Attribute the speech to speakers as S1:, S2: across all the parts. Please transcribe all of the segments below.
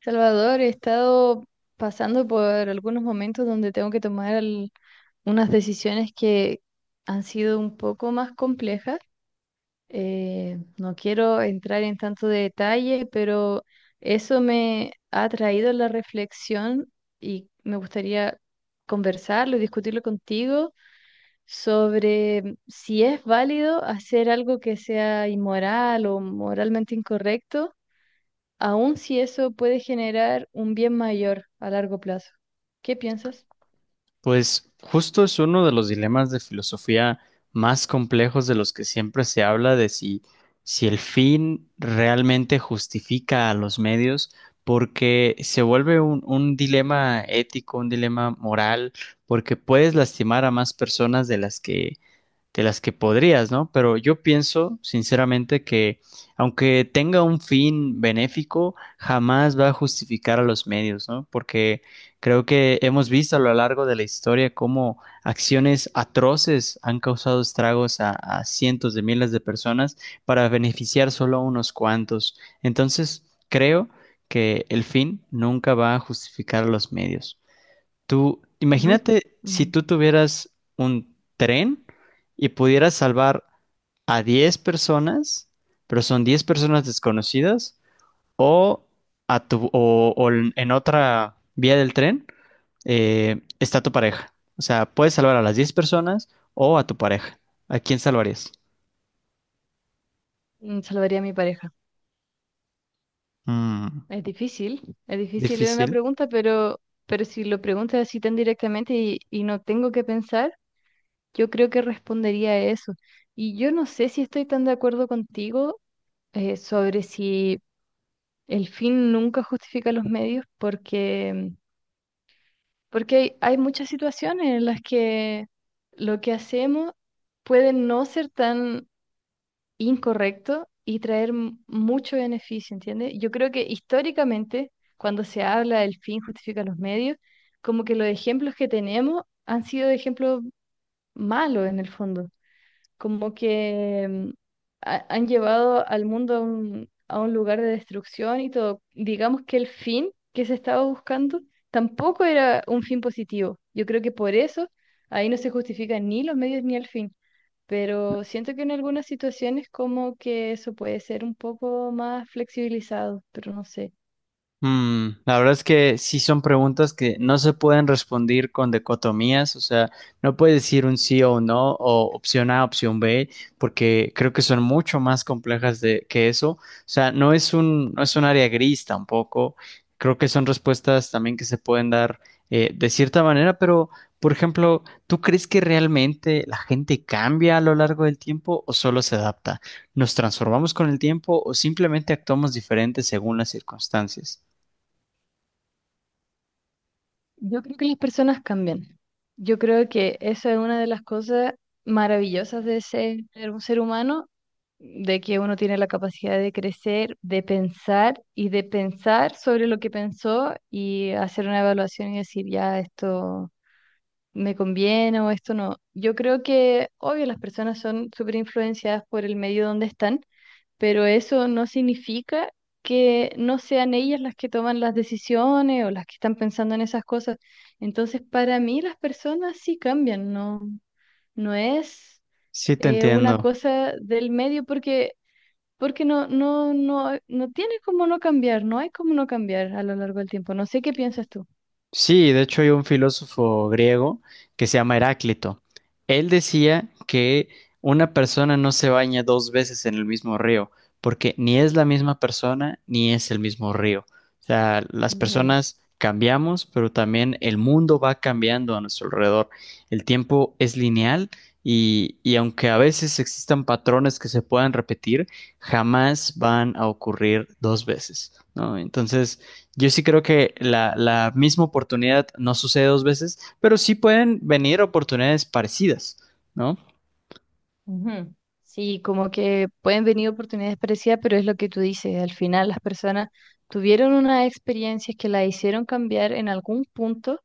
S1: Salvador, he estado pasando por algunos momentos donde tengo que tomar unas decisiones que han sido un poco más complejas. No quiero entrar en tanto detalle, pero eso me ha traído la reflexión y me gustaría conversarlo y discutirlo contigo sobre si es válido hacer algo que sea inmoral o moralmente incorrecto aun si eso puede generar un bien mayor a largo plazo. ¿Qué piensas?
S2: Pues justo es uno de los dilemas de filosofía más complejos de los que siempre se habla de si el fin realmente justifica a los medios, porque se vuelve un dilema ético, un dilema moral, porque puedes lastimar a más personas de las que podrías, ¿no? Pero yo pienso, sinceramente, que aunque tenga un fin benéfico, jamás va a justificar a los medios, ¿no? Porque creo que hemos visto a lo largo de la historia cómo acciones atroces han causado estragos a cientos de miles de personas para beneficiar solo a unos cuantos. Entonces, creo que el fin nunca va a justificar a los medios. Tú,
S1: Nun-
S2: imagínate si
S1: mm,
S2: tú tuvieras un tren y pudieras salvar a 10 personas, pero son 10 personas desconocidas, o, o en otra vía del tren, está tu pareja. O sea, puedes salvar a las 10 personas o a tu pareja. ¿A quién salvarías?
S1: Mm, salvaría a mi pareja.
S2: Mm,
S1: Es difícil, es difícil era una
S2: Difícil.
S1: pregunta, pero si lo preguntas así tan directamente y no tengo que pensar, yo creo que respondería a eso. Y yo no sé si estoy tan de acuerdo contigo sobre si el fin nunca justifica los medios, porque hay, hay muchas situaciones en las que lo que hacemos puede no ser tan incorrecto y traer mucho beneficio, ¿entiendes? Yo creo que históricamente, cuando se habla del fin justifica los medios, como que los ejemplos que tenemos han sido ejemplos malos en el fondo, como que han llevado al mundo a a un lugar de destrucción y todo. Digamos que el fin que se estaba buscando tampoco era un fin positivo. Yo creo que por eso ahí no se justifican ni los medios ni el fin. Pero siento que en algunas situaciones como que eso puede ser un poco más flexibilizado, pero no sé.
S2: La verdad es que sí son preguntas que no se pueden responder con dicotomías, o sea, no puedes decir un sí o un no, o opción A, opción B, porque creo que son mucho más complejas que eso. O sea, no es un área gris tampoco. Creo que son respuestas también que se pueden dar, de cierta manera, pero, por ejemplo, ¿tú crees que realmente la gente cambia a lo largo del tiempo o solo se adapta? ¿Nos transformamos con el tiempo o simplemente actuamos diferente según las circunstancias?
S1: Yo creo que las personas cambian. Yo creo que esa es una de las cosas maravillosas de ser un ser humano, de que uno tiene la capacidad de crecer, de pensar y de pensar sobre lo que pensó y hacer una evaluación y decir, ya, esto me conviene o esto no. Yo creo que, obvio, las personas son súper influenciadas por el medio donde están, pero eso no significa que no sean ellas las que toman las decisiones o las que están pensando en esas cosas. Entonces, para mí las personas sí cambian, no, no es
S2: Sí, te
S1: una
S2: entiendo.
S1: cosa del medio, porque, porque no, no tiene como no cambiar, no hay como no cambiar a lo largo del tiempo. No sé qué piensas tú.
S2: Sí, de hecho hay un filósofo griego que se llama Heráclito. Él decía que una persona no se baña dos veces en el mismo río, porque ni es la misma persona ni es el mismo río. O sea, las
S1: Ujú.
S2: personas cambiamos, pero también el mundo va cambiando a nuestro alrededor. El tiempo es lineal y aunque a veces existan patrones que se puedan repetir, jamás van a ocurrir dos veces, ¿no? Entonces. Yo sí creo que la misma oportunidad no sucede dos veces, pero sí pueden venir oportunidades parecidas, ¿no?
S1: Ujú. Sí, como que pueden venir oportunidades parecidas, pero es lo que tú dices, al final las personas tuvieron unas experiencias que la hicieron cambiar en algún punto,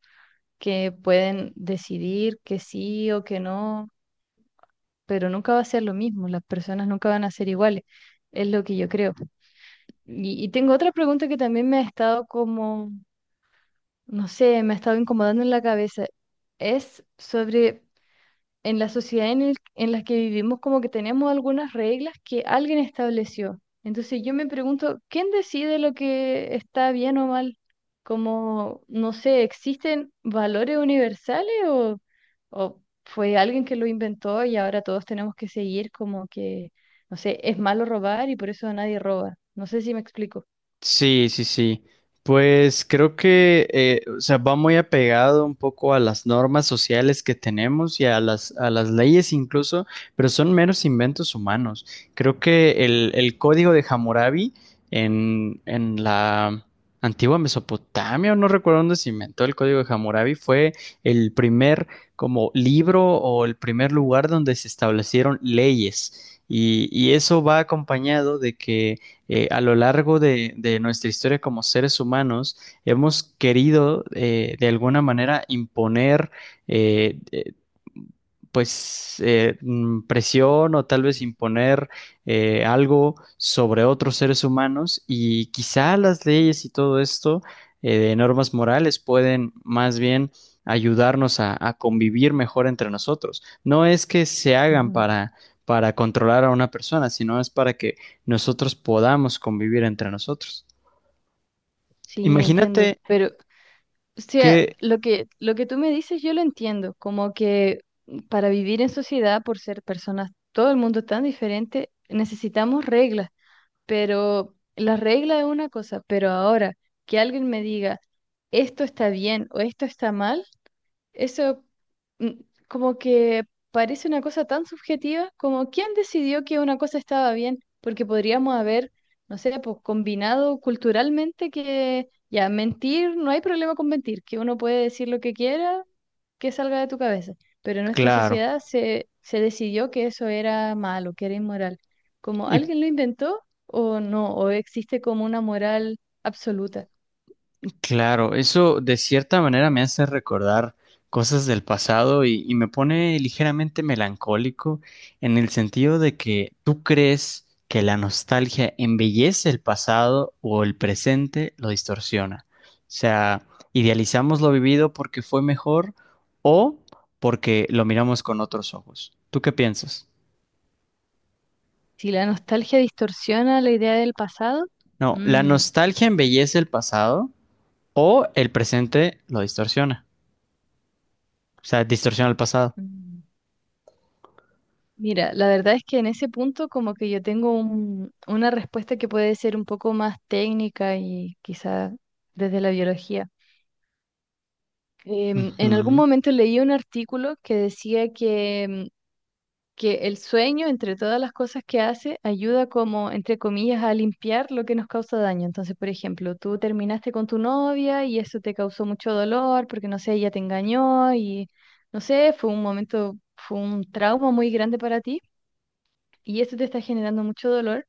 S1: que pueden decidir que sí o que no, pero nunca va a ser lo mismo, las personas nunca van a ser iguales, es lo que yo creo. Y tengo otra pregunta que también me ha estado como, no sé, me ha estado incomodando en la cabeza, es sobre... en la sociedad en la que vivimos como que tenemos algunas reglas que alguien estableció. Entonces yo me pregunto, ¿quién decide lo que está bien o mal? Como, no sé, ¿existen valores universales, o fue alguien que lo inventó y ahora todos tenemos que seguir como que, no sé, es malo robar y por eso nadie roba? No sé si me explico.
S2: Sí, sí, sí. Pues creo que, o sea, va muy apegado un poco a las normas sociales que tenemos y a las leyes incluso, pero son meros inventos humanos. Creo que el código de Hammurabi en la antigua Mesopotamia, o no recuerdo dónde se inventó el código de Hammurabi, fue el primer como libro o el primer lugar donde se establecieron leyes. Y eso va acompañado de que, a lo largo de nuestra historia como seres humanos hemos querido, de alguna manera imponer eh, eh, pues eh, mm, presión o tal vez imponer, algo sobre otros seres humanos y quizá las leyes y todo esto, de normas morales pueden más bien ayudarnos a convivir mejor entre nosotros. No es que se hagan
S1: Ujú.
S2: para controlar a una persona, sino es para que nosotros podamos convivir entre nosotros.
S1: Sí, entiendo.
S2: Imagínate
S1: Pero o sea,
S2: que,
S1: lo que tú me dices yo lo entiendo, como que para vivir en sociedad, por ser personas, todo el mundo tan diferente, necesitamos reglas, pero la regla es una cosa, pero ahora que alguien me diga esto está bien o esto está mal, eso mm, como que parece una cosa tan subjetiva como quién decidió que una cosa estaba bien, porque podríamos haber, no sé, pues combinado culturalmente que ya mentir, no hay problema con mentir, que uno puede decir lo que quiera, que salga de tu cabeza, pero en nuestra
S2: claro,
S1: sociedad se decidió que eso era malo, que era inmoral. Como
S2: y
S1: alguien lo inventó o no, o existe como una moral absoluta.
S2: claro, eso de cierta manera me hace recordar cosas del pasado y me pone ligeramente melancólico en el sentido de que tú crees que la nostalgia embellece el pasado o el presente lo distorsiona. O sea, idealizamos lo vivido porque fue mejor o porque lo miramos con otros ojos. ¿Tú qué piensas?
S1: Si la nostalgia distorsiona la idea del pasado,
S2: No, la
S1: mm,
S2: nostalgia embellece el pasado o el presente lo distorsiona. O sea, distorsiona el pasado.
S1: mm. Mira, la verdad es que en ese punto como que yo tengo una respuesta que puede ser un poco más técnica y quizá desde la biología. En algún
S2: Ujú.
S1: momento leí un artículo que decía que, que el sueño, entre todas las cosas que hace, ayuda, como entre comillas, a limpiar lo que nos causa daño. Entonces, por ejemplo, tú terminaste con tu novia y eso te causó mucho dolor porque, no sé, ella te engañó y, no sé, fue un momento, fue un trauma muy grande para ti. Y esto te está generando mucho dolor,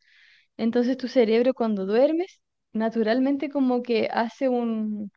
S1: entonces tu cerebro, cuando duermes, naturalmente como que hace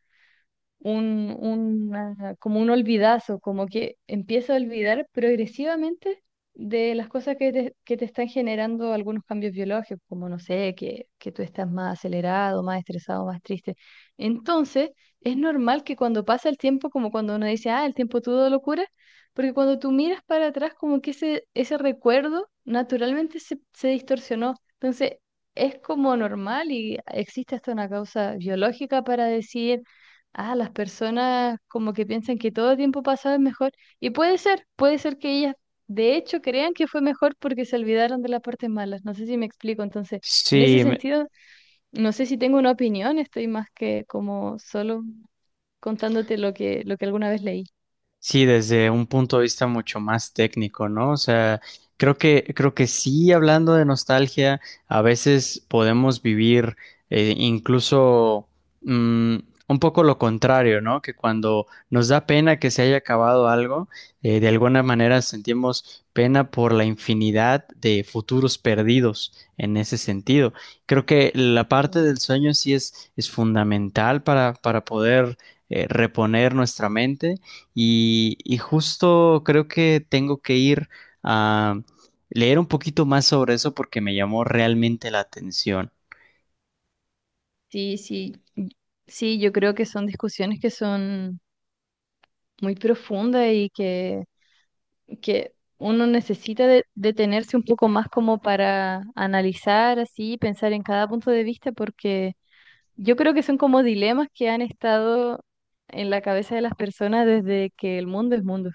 S1: como un olvidazo, como que empieza a olvidar progresivamente de las cosas que te están generando algunos cambios biológicos, como no sé, que tú estás más acelerado, más estresado, más triste. Entonces, es normal que cuando pasa el tiempo, como cuando uno dice, ah, el tiempo todo locura, porque cuando tú miras para atrás, como que ese recuerdo naturalmente se distorsionó. Entonces, es como normal y existe hasta una causa biológica para decir, ah, las personas como que piensan que todo tiempo pasado es mejor. Y puede ser que ellas de hecho crean que fue mejor porque se olvidaron de las partes malas. No sé si me explico. Entonces, en ese
S2: Sí,
S1: sentido, no sé si tengo una opinión, estoy más que como solo contándote lo que alguna vez leí.
S2: sí, desde un punto de vista mucho más técnico, ¿no? O sea, creo que, sí, hablando de nostalgia, a veces podemos vivir, incluso mm, un poco lo contrario, ¿no? Que cuando nos da pena que se haya acabado algo, de alguna manera sentimos pena por la infinidad de futuros perdidos en ese sentido. Creo que la parte
S1: Ujú.
S2: del sueño sí es fundamental para poder, reponer nuestra mente y justo creo que tengo que ir a leer un poquito más sobre eso porque me llamó realmente la atención.
S1: Sí, sí. Sí, yo creo que son discusiones que son muy profundas y que uno necesita detenerse un poco más como para analizar así, pensar en cada punto de vista, porque yo creo que son como dilemas que han estado en la cabeza de las personas desde que el mundo es mundo.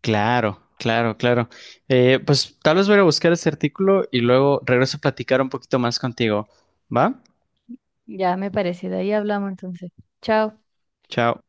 S2: Claro, claro, claro. Pues tal vez voy a buscar ese artículo y luego regreso a platicar un poquito más contigo. ¿Va?
S1: Ya me parece, de ahí hablamos entonces. Chao.
S2: Chao.